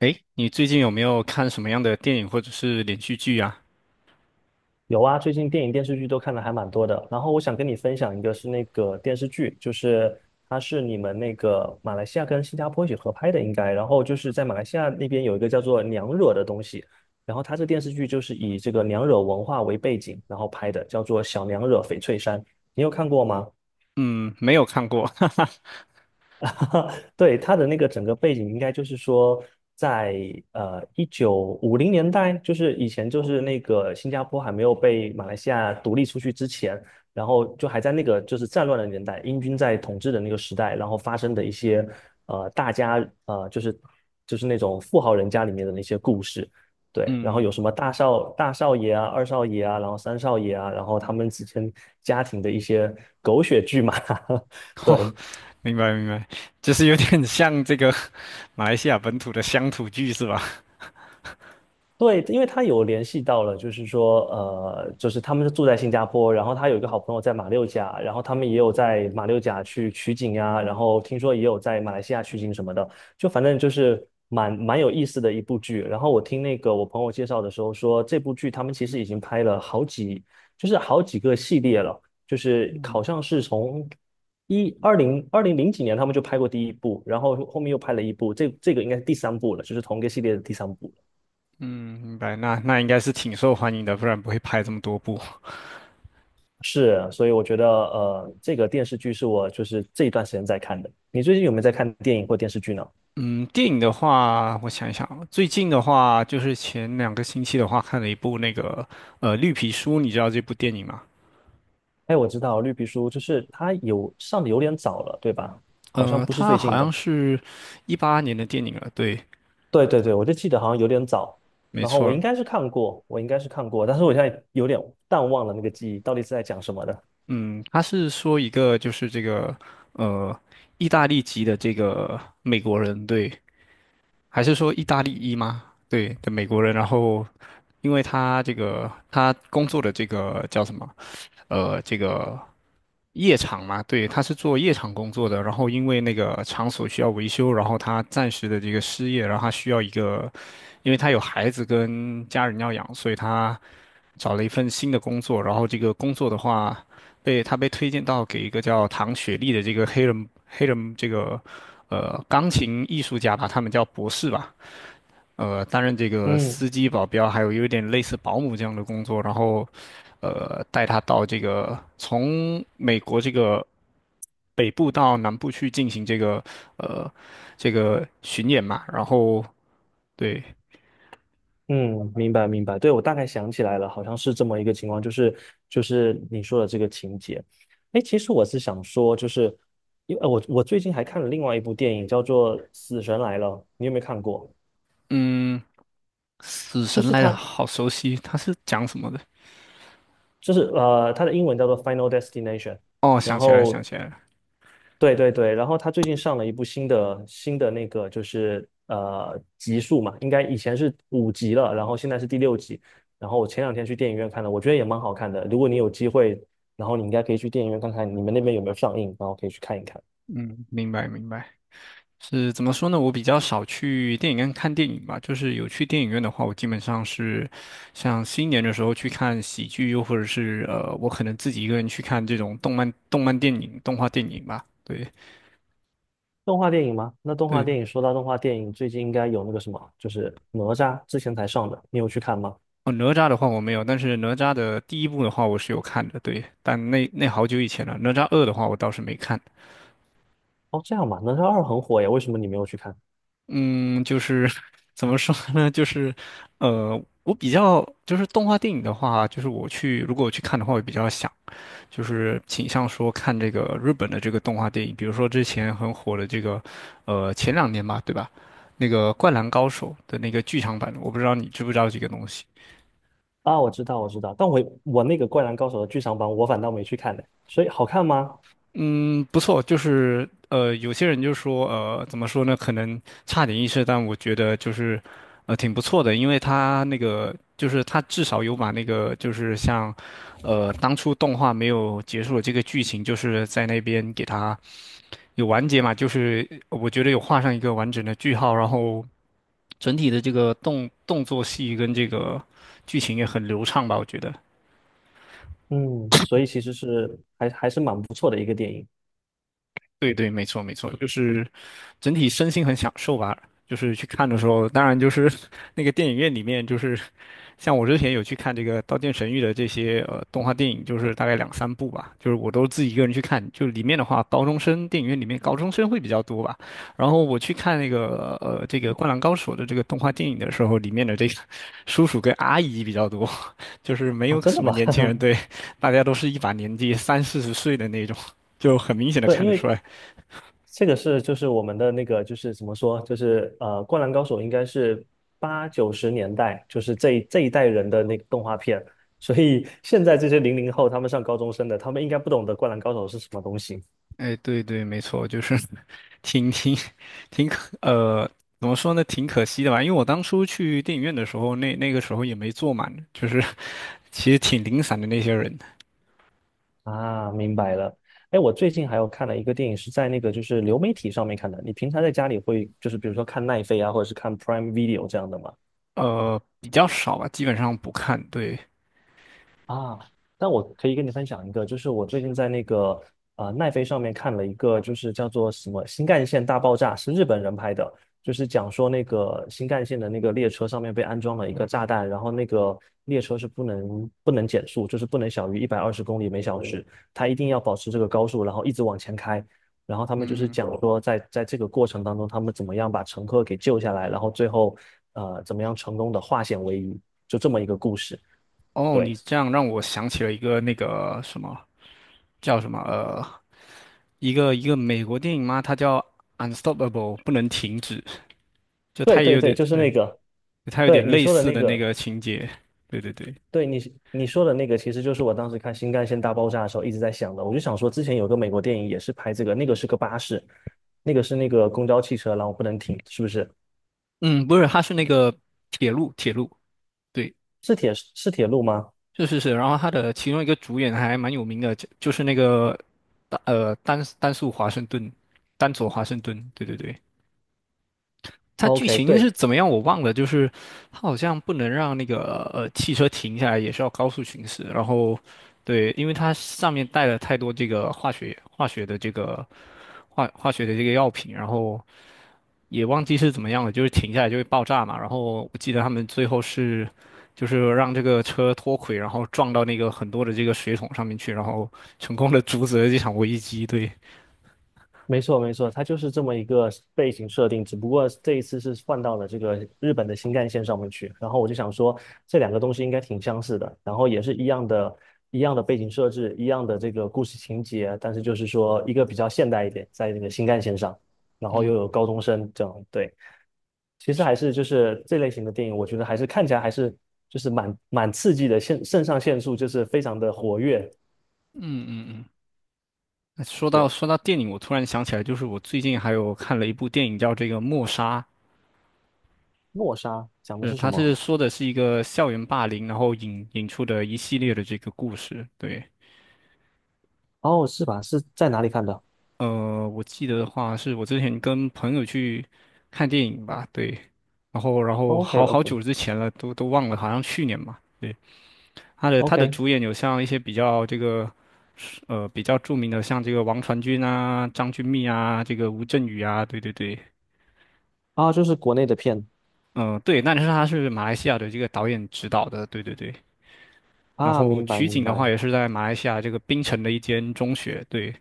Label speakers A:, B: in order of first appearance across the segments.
A: 诶，你最近有没有看什么样的电影或者是连续剧啊？
B: 有啊，最近电影电视剧都看的还蛮多的。然后我想跟你分享一个是那个电视剧，就是它是你们那个马来西亚跟新加坡一起合拍的，应该。然后就是在马来西亚那边有一个叫做娘惹的东西，然后它这电视剧就是以这个娘惹文化为背景，然后拍的，叫做《小娘惹翡翠山》，你有看过吗？
A: 嗯，没有看过，哈哈，
B: 对，他的那个整个背景应该就是说在，1950年代，就是以前就是那个新加坡还没有被马来西亚独立出去之前，然后就还在那个就是战乱的年代，英军在统治的那个时代，然后发生的一些大家就是那种富豪人家里面的那些故事。对，然后有什
A: 嗯，
B: 么大少爷啊、二少爷啊，然后三少爷啊，然后他们之间家庭的一些狗血剧嘛。
A: 哦，
B: 对。
A: 明白明白，就是有点像这个马来西亚本土的乡土剧是吧？
B: 对，因为他有联系到了，就是说，就是他们是住在新加坡，然后他有一个好朋友在马六甲，然后他们也有在马六甲去取景呀，然后听说也有在马来西亚取景什么的，就反正就是蛮有意思的一部剧。然后我听那个我朋友介绍的时候说，这部剧他们其实已经拍了好几，就是好几个系列了，就是好像是从2020几年他们就拍过第一部，然后后面又拍了一部，这个应该是第三部了，就是同一个系列的第三部。
A: 嗯，明白，那应该是挺受欢迎的，不然不会拍这么多部。
B: 是，所以我觉得这个电视剧是我就是这一段时间在看的。你最近有没有在看电影或电视剧呢？
A: 嗯，电影的话，我想一想啊最近的话就是前两个星期的话，看了一部那个《绿皮书》，你知道这部电影吗？
B: 哎，我知道《绿皮书》就是它有上的有点早了，对吧？好像不是
A: 它
B: 最近
A: 好
B: 的。
A: 像是一八年的电影了，对，
B: 对对对，我就记得好像有点早。
A: 没
B: 然后
A: 错。
B: 我应该是看过，但是我现在有点淡忘了那个记忆，到底是在讲什么的。
A: 嗯，他是说一个就是这个呃，意大利籍的这个美国人，对，还是说意大利裔吗？对的美国人，然后因为他这个他工作的这个叫什么？这个夜场嘛，对，他是做夜场工作的，然后因为那个场所需要维修，然后他暂时的这个失业，然后他需要一个，因为他有孩子跟家人要养，所以他找了一份新的工作，然后这个工作的话，被他被推荐到给一个叫唐雪莉的这个黑人这个钢琴艺术家吧，他们叫博士吧。担任这个
B: 嗯
A: 司机、保镖，还有有点类似保姆这样的工作，然后，带他到这个从美国这个北部到南部去进行这个呃这个巡演嘛，然后对，
B: 嗯，明白明白，对，我大概想起来了，好像是这么一个情况，就是你说的这个情节。哎，其实我是想说，就是因为我最近还看了另外一部电影，叫做《死神来了》，你有没有看过？
A: 嗯，死
B: 就
A: 神
B: 是
A: 来了，
B: 它
A: 好熟悉，他是讲什么的？
B: 就是它的英文叫做《Final Destination》,
A: 哦，
B: 然
A: 想起来了，想
B: 后
A: 起来了，
B: 对对对，然后他最近上了一部新的那个就是集数嘛，应该以前是5集了，然后现在是第六集，然后我前两天去电影院看了，我觉得也蛮好看的。如果你有机会，然后你应该可以去电影院看看你们那边有没有上映，然后可以去看一看。
A: 嗯，明白明白。是怎么说呢？我比较少去电影院看电影吧，就是有去电影院的话，我基本上是像新年的时候去看喜剧，又或者是我可能自己一个人去看这种动漫、动漫电影、动画电影吧。对
B: 动画电影吗？那动画
A: 对，
B: 电影说到动画电影，最近应该有那个什么，就是哪吒之前才上的，你有去看吗？
A: 哦，哪吒的话我没有，但是哪吒的第一部的话我是有看的，对，但那好久以前了。哪吒二的话我倒是没看。
B: 哦，这样吧，哪吒二很火呀，为什么你没有去看？
A: 嗯，就是 怎么说呢？就是，我比较就是动画电影的话，就是我去如果我去看的话，我比较想。就是倾向说看这个日本的这个动画电影，比如说之前很火的这个，前两年吧，对吧？那个《灌篮高手》的那个剧场版，我不知道你知不知道这个东西。
B: 啊，我知道，我知道，但我那个《灌篮高手》的剧场版，我反倒没去看呢，所以好看吗？
A: 嗯，不错，就是有些人就说，怎么说呢？可能差点意思，但我觉得就是，挺不错的，因为他那个就是他至少有把那个就是像，当初动画没有结束的这个剧情，就是在那边给他有完结嘛，就是我觉得有画上一个完整的句号，然后整体的这个动作戏跟这个剧情也很流畅吧，我觉得。
B: 嗯，所以其实是还是蛮不错的一个电影。
A: 对对，没错没错，就是整体身心很享受吧。就是去看的时候，当然就是 那个电影院里面就是像我之前有去看这个《刀剑神域》的这些动画电影，就是大概两三部吧，就是我都自己一个人去看。就里面的话，高中生电影院里面高中生会比较多吧。然后我去看那个这个《灌篮高手》的这个动画电影的时候，里面的这个叔叔跟阿姨比较多，就是没
B: 啊，
A: 有
B: 真的
A: 什么
B: 吗？
A: 年轻人，对，大家都是一把年纪三四十岁的那种，就很明显的
B: 对，
A: 看
B: 因
A: 得出
B: 为
A: 来。
B: 这个是就是我们的那个就是怎么说，就是《灌篮高手》应该是八九十年代，就是这一代人的那个动画片，所以现在这些00后他们上高中生的，他们应该不懂得《灌篮高手》是什么东西。
A: 哎，对对，没错，就是 挺挺挺可呃，怎么说呢，挺可惜的吧。因为我当初去电影院的时候，那个时候也没坐满，就是其实挺零散的那些人，
B: 啊，明白了。哎，我最近还有看了一个电影，是在那个就是流媒体上面看的。你平常在家里会就是比如说看奈飞啊，或者是看 Prime Video 这样的吗？
A: 比较少吧，基本上不看。对，
B: 啊，但我可以跟你分享一个，就是我最近在那个奈飞上面看了一个，就是叫做什么《新干线大爆炸》，是日本人拍的，就是讲说那个新干线的那个列车上面被安装了一个炸弹，然后那个列车是不能减速，就是不能小于120公里每小时，它一定要保持这个高速，然后一直往前开。然后他们就是讲说在，在这个过程当中，他们怎么样把乘客给救下来，然后最后怎么样成功的化险为夷，就这么一个故事。
A: 哦，
B: 对。
A: 你这样让我想起了一个那个什么叫什么一个美国电影嘛，它叫《Unstoppable》，不能停止，就
B: 对
A: 它也
B: 对
A: 有
B: 对，
A: 点
B: 就是那
A: 对，
B: 个，
A: 它有点
B: 对你
A: 类
B: 说的
A: 似
B: 那
A: 的那
B: 个，
A: 个情节。对对对。
B: 对你说的那个，其实就是我当时看《新干线大爆炸》的时候一直在想的。我就想说，之前有个美国电影也是拍这个，那个是个巴士，那个是那个公交汽车，然后不能停，是不是？
A: 嗯，不是，他是那个铁路，铁路，对，
B: 是铁路吗
A: 是是是。然后他的其中一个主演还蛮有名的，就是那个，丹素华盛顿，丹佐华盛顿，对对对。他剧
B: ？OK，
A: 情是
B: 对，
A: 怎么样我忘了，就是他好像不能让那个汽车停下来，也是要高速行驶。然后，对，因为它上面带了太多这个化学的这个化学的这个药品，然后也忘记是怎么样了，就是停下来就会爆炸嘛。然后我记得他们最后是，就是让这个车脱轨，然后撞到那个很多的这个水桶上面去，然后成功的阻止了这场危机。对，
B: 没错，没错，它就是这么一个背景设定，只不过这一次是换到了这个日本的新干线上面去。然后我就想说，这两个东西应该挺相似的，然后也是一样的，一样的背景设置，一样的这个故事情节，但是就是说一个比较现代一点，在那个新干线上，然后又有
A: 嗯
B: 高中生这样。对，其实还是就是这类型的电影，我觉得看起来就是蛮刺激的，肾上腺素就是非常的活跃。
A: 嗯嗯嗯。那说到
B: 是
A: 说到电影，我突然想起来，就是我最近还有看了一部电影叫这个《默杀》，
B: 《诺莎》讲的
A: 是
B: 是什
A: 它是
B: 么？
A: 说的是一个校园霸凌，然后引出的一系列的这个故事。对，
B: 哦，是吧？是在哪里看的？
A: 我记得的话，是我之前跟朋友去看电影吧，对，然后
B: OK
A: 好好
B: OK
A: 久之前了，都忘了，好像去年嘛，对，他的
B: OK
A: 主演有像一些比较这个，比较著名的，像这个王传君啊、张钧甯啊、这个吴镇宇啊，对对对，
B: 啊，就是国内的片。
A: 嗯、对，那你说他是马来西亚的这个导演指导的，对对对，然
B: 啊，
A: 后
B: 明白
A: 取
B: 明
A: 景的话
B: 白，
A: 也是在马来西亚这个槟城的一间中学，对，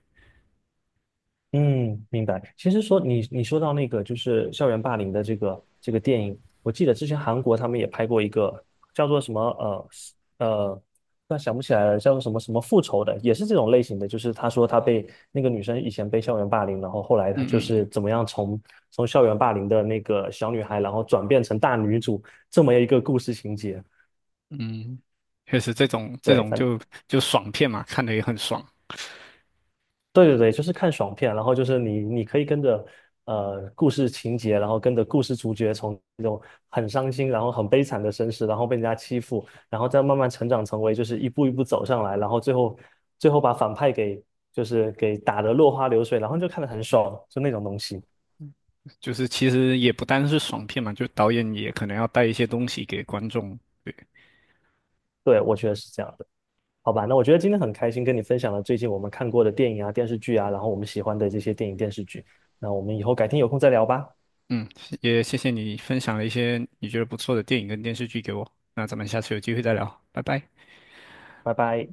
B: 嗯，明白。其实说你你说到那个就是校园霸凌的这个电影，我记得之前韩国他们也拍过一个叫做什么是呃，突然想不起来了，叫做什么什么复仇的，也是这种类型的，就是他说他被那个女生以前被校园霸凌，然后后来他
A: 嗯
B: 就
A: 嗯
B: 是
A: 嗯
B: 怎么样从校园霸凌的那个小女孩，然后转变成大女主这么一个故事情节。
A: 嗯，确实这种这
B: 对，
A: 种
B: 反。
A: 就爽片嘛，看的也很爽。
B: 对对对，就是看爽片，然后就是你可以跟着故事情节，然后跟着故事主角从那种很伤心，然后很悲惨的身世，然后被人家欺负，然后再慢慢成长成为就是一步一步走上来，然后最后把反派给就是给打得落花流水，然后就看得很爽，就那种东西。
A: 就是其实也不单是爽片嘛，就导演也可能要带一些东西给观众。对，
B: 对，我觉得是这样的。好吧，那我觉得今天很开心跟你分享了最近我们看过的电影啊、电视剧啊，然后我们喜欢的这些电影电视剧。那我们以后改天有空再聊吧，
A: 嗯，也谢谢你分享了一些你觉得不错的电影跟电视剧给我。那咱们下次有机会再聊，拜拜。
B: 拜拜。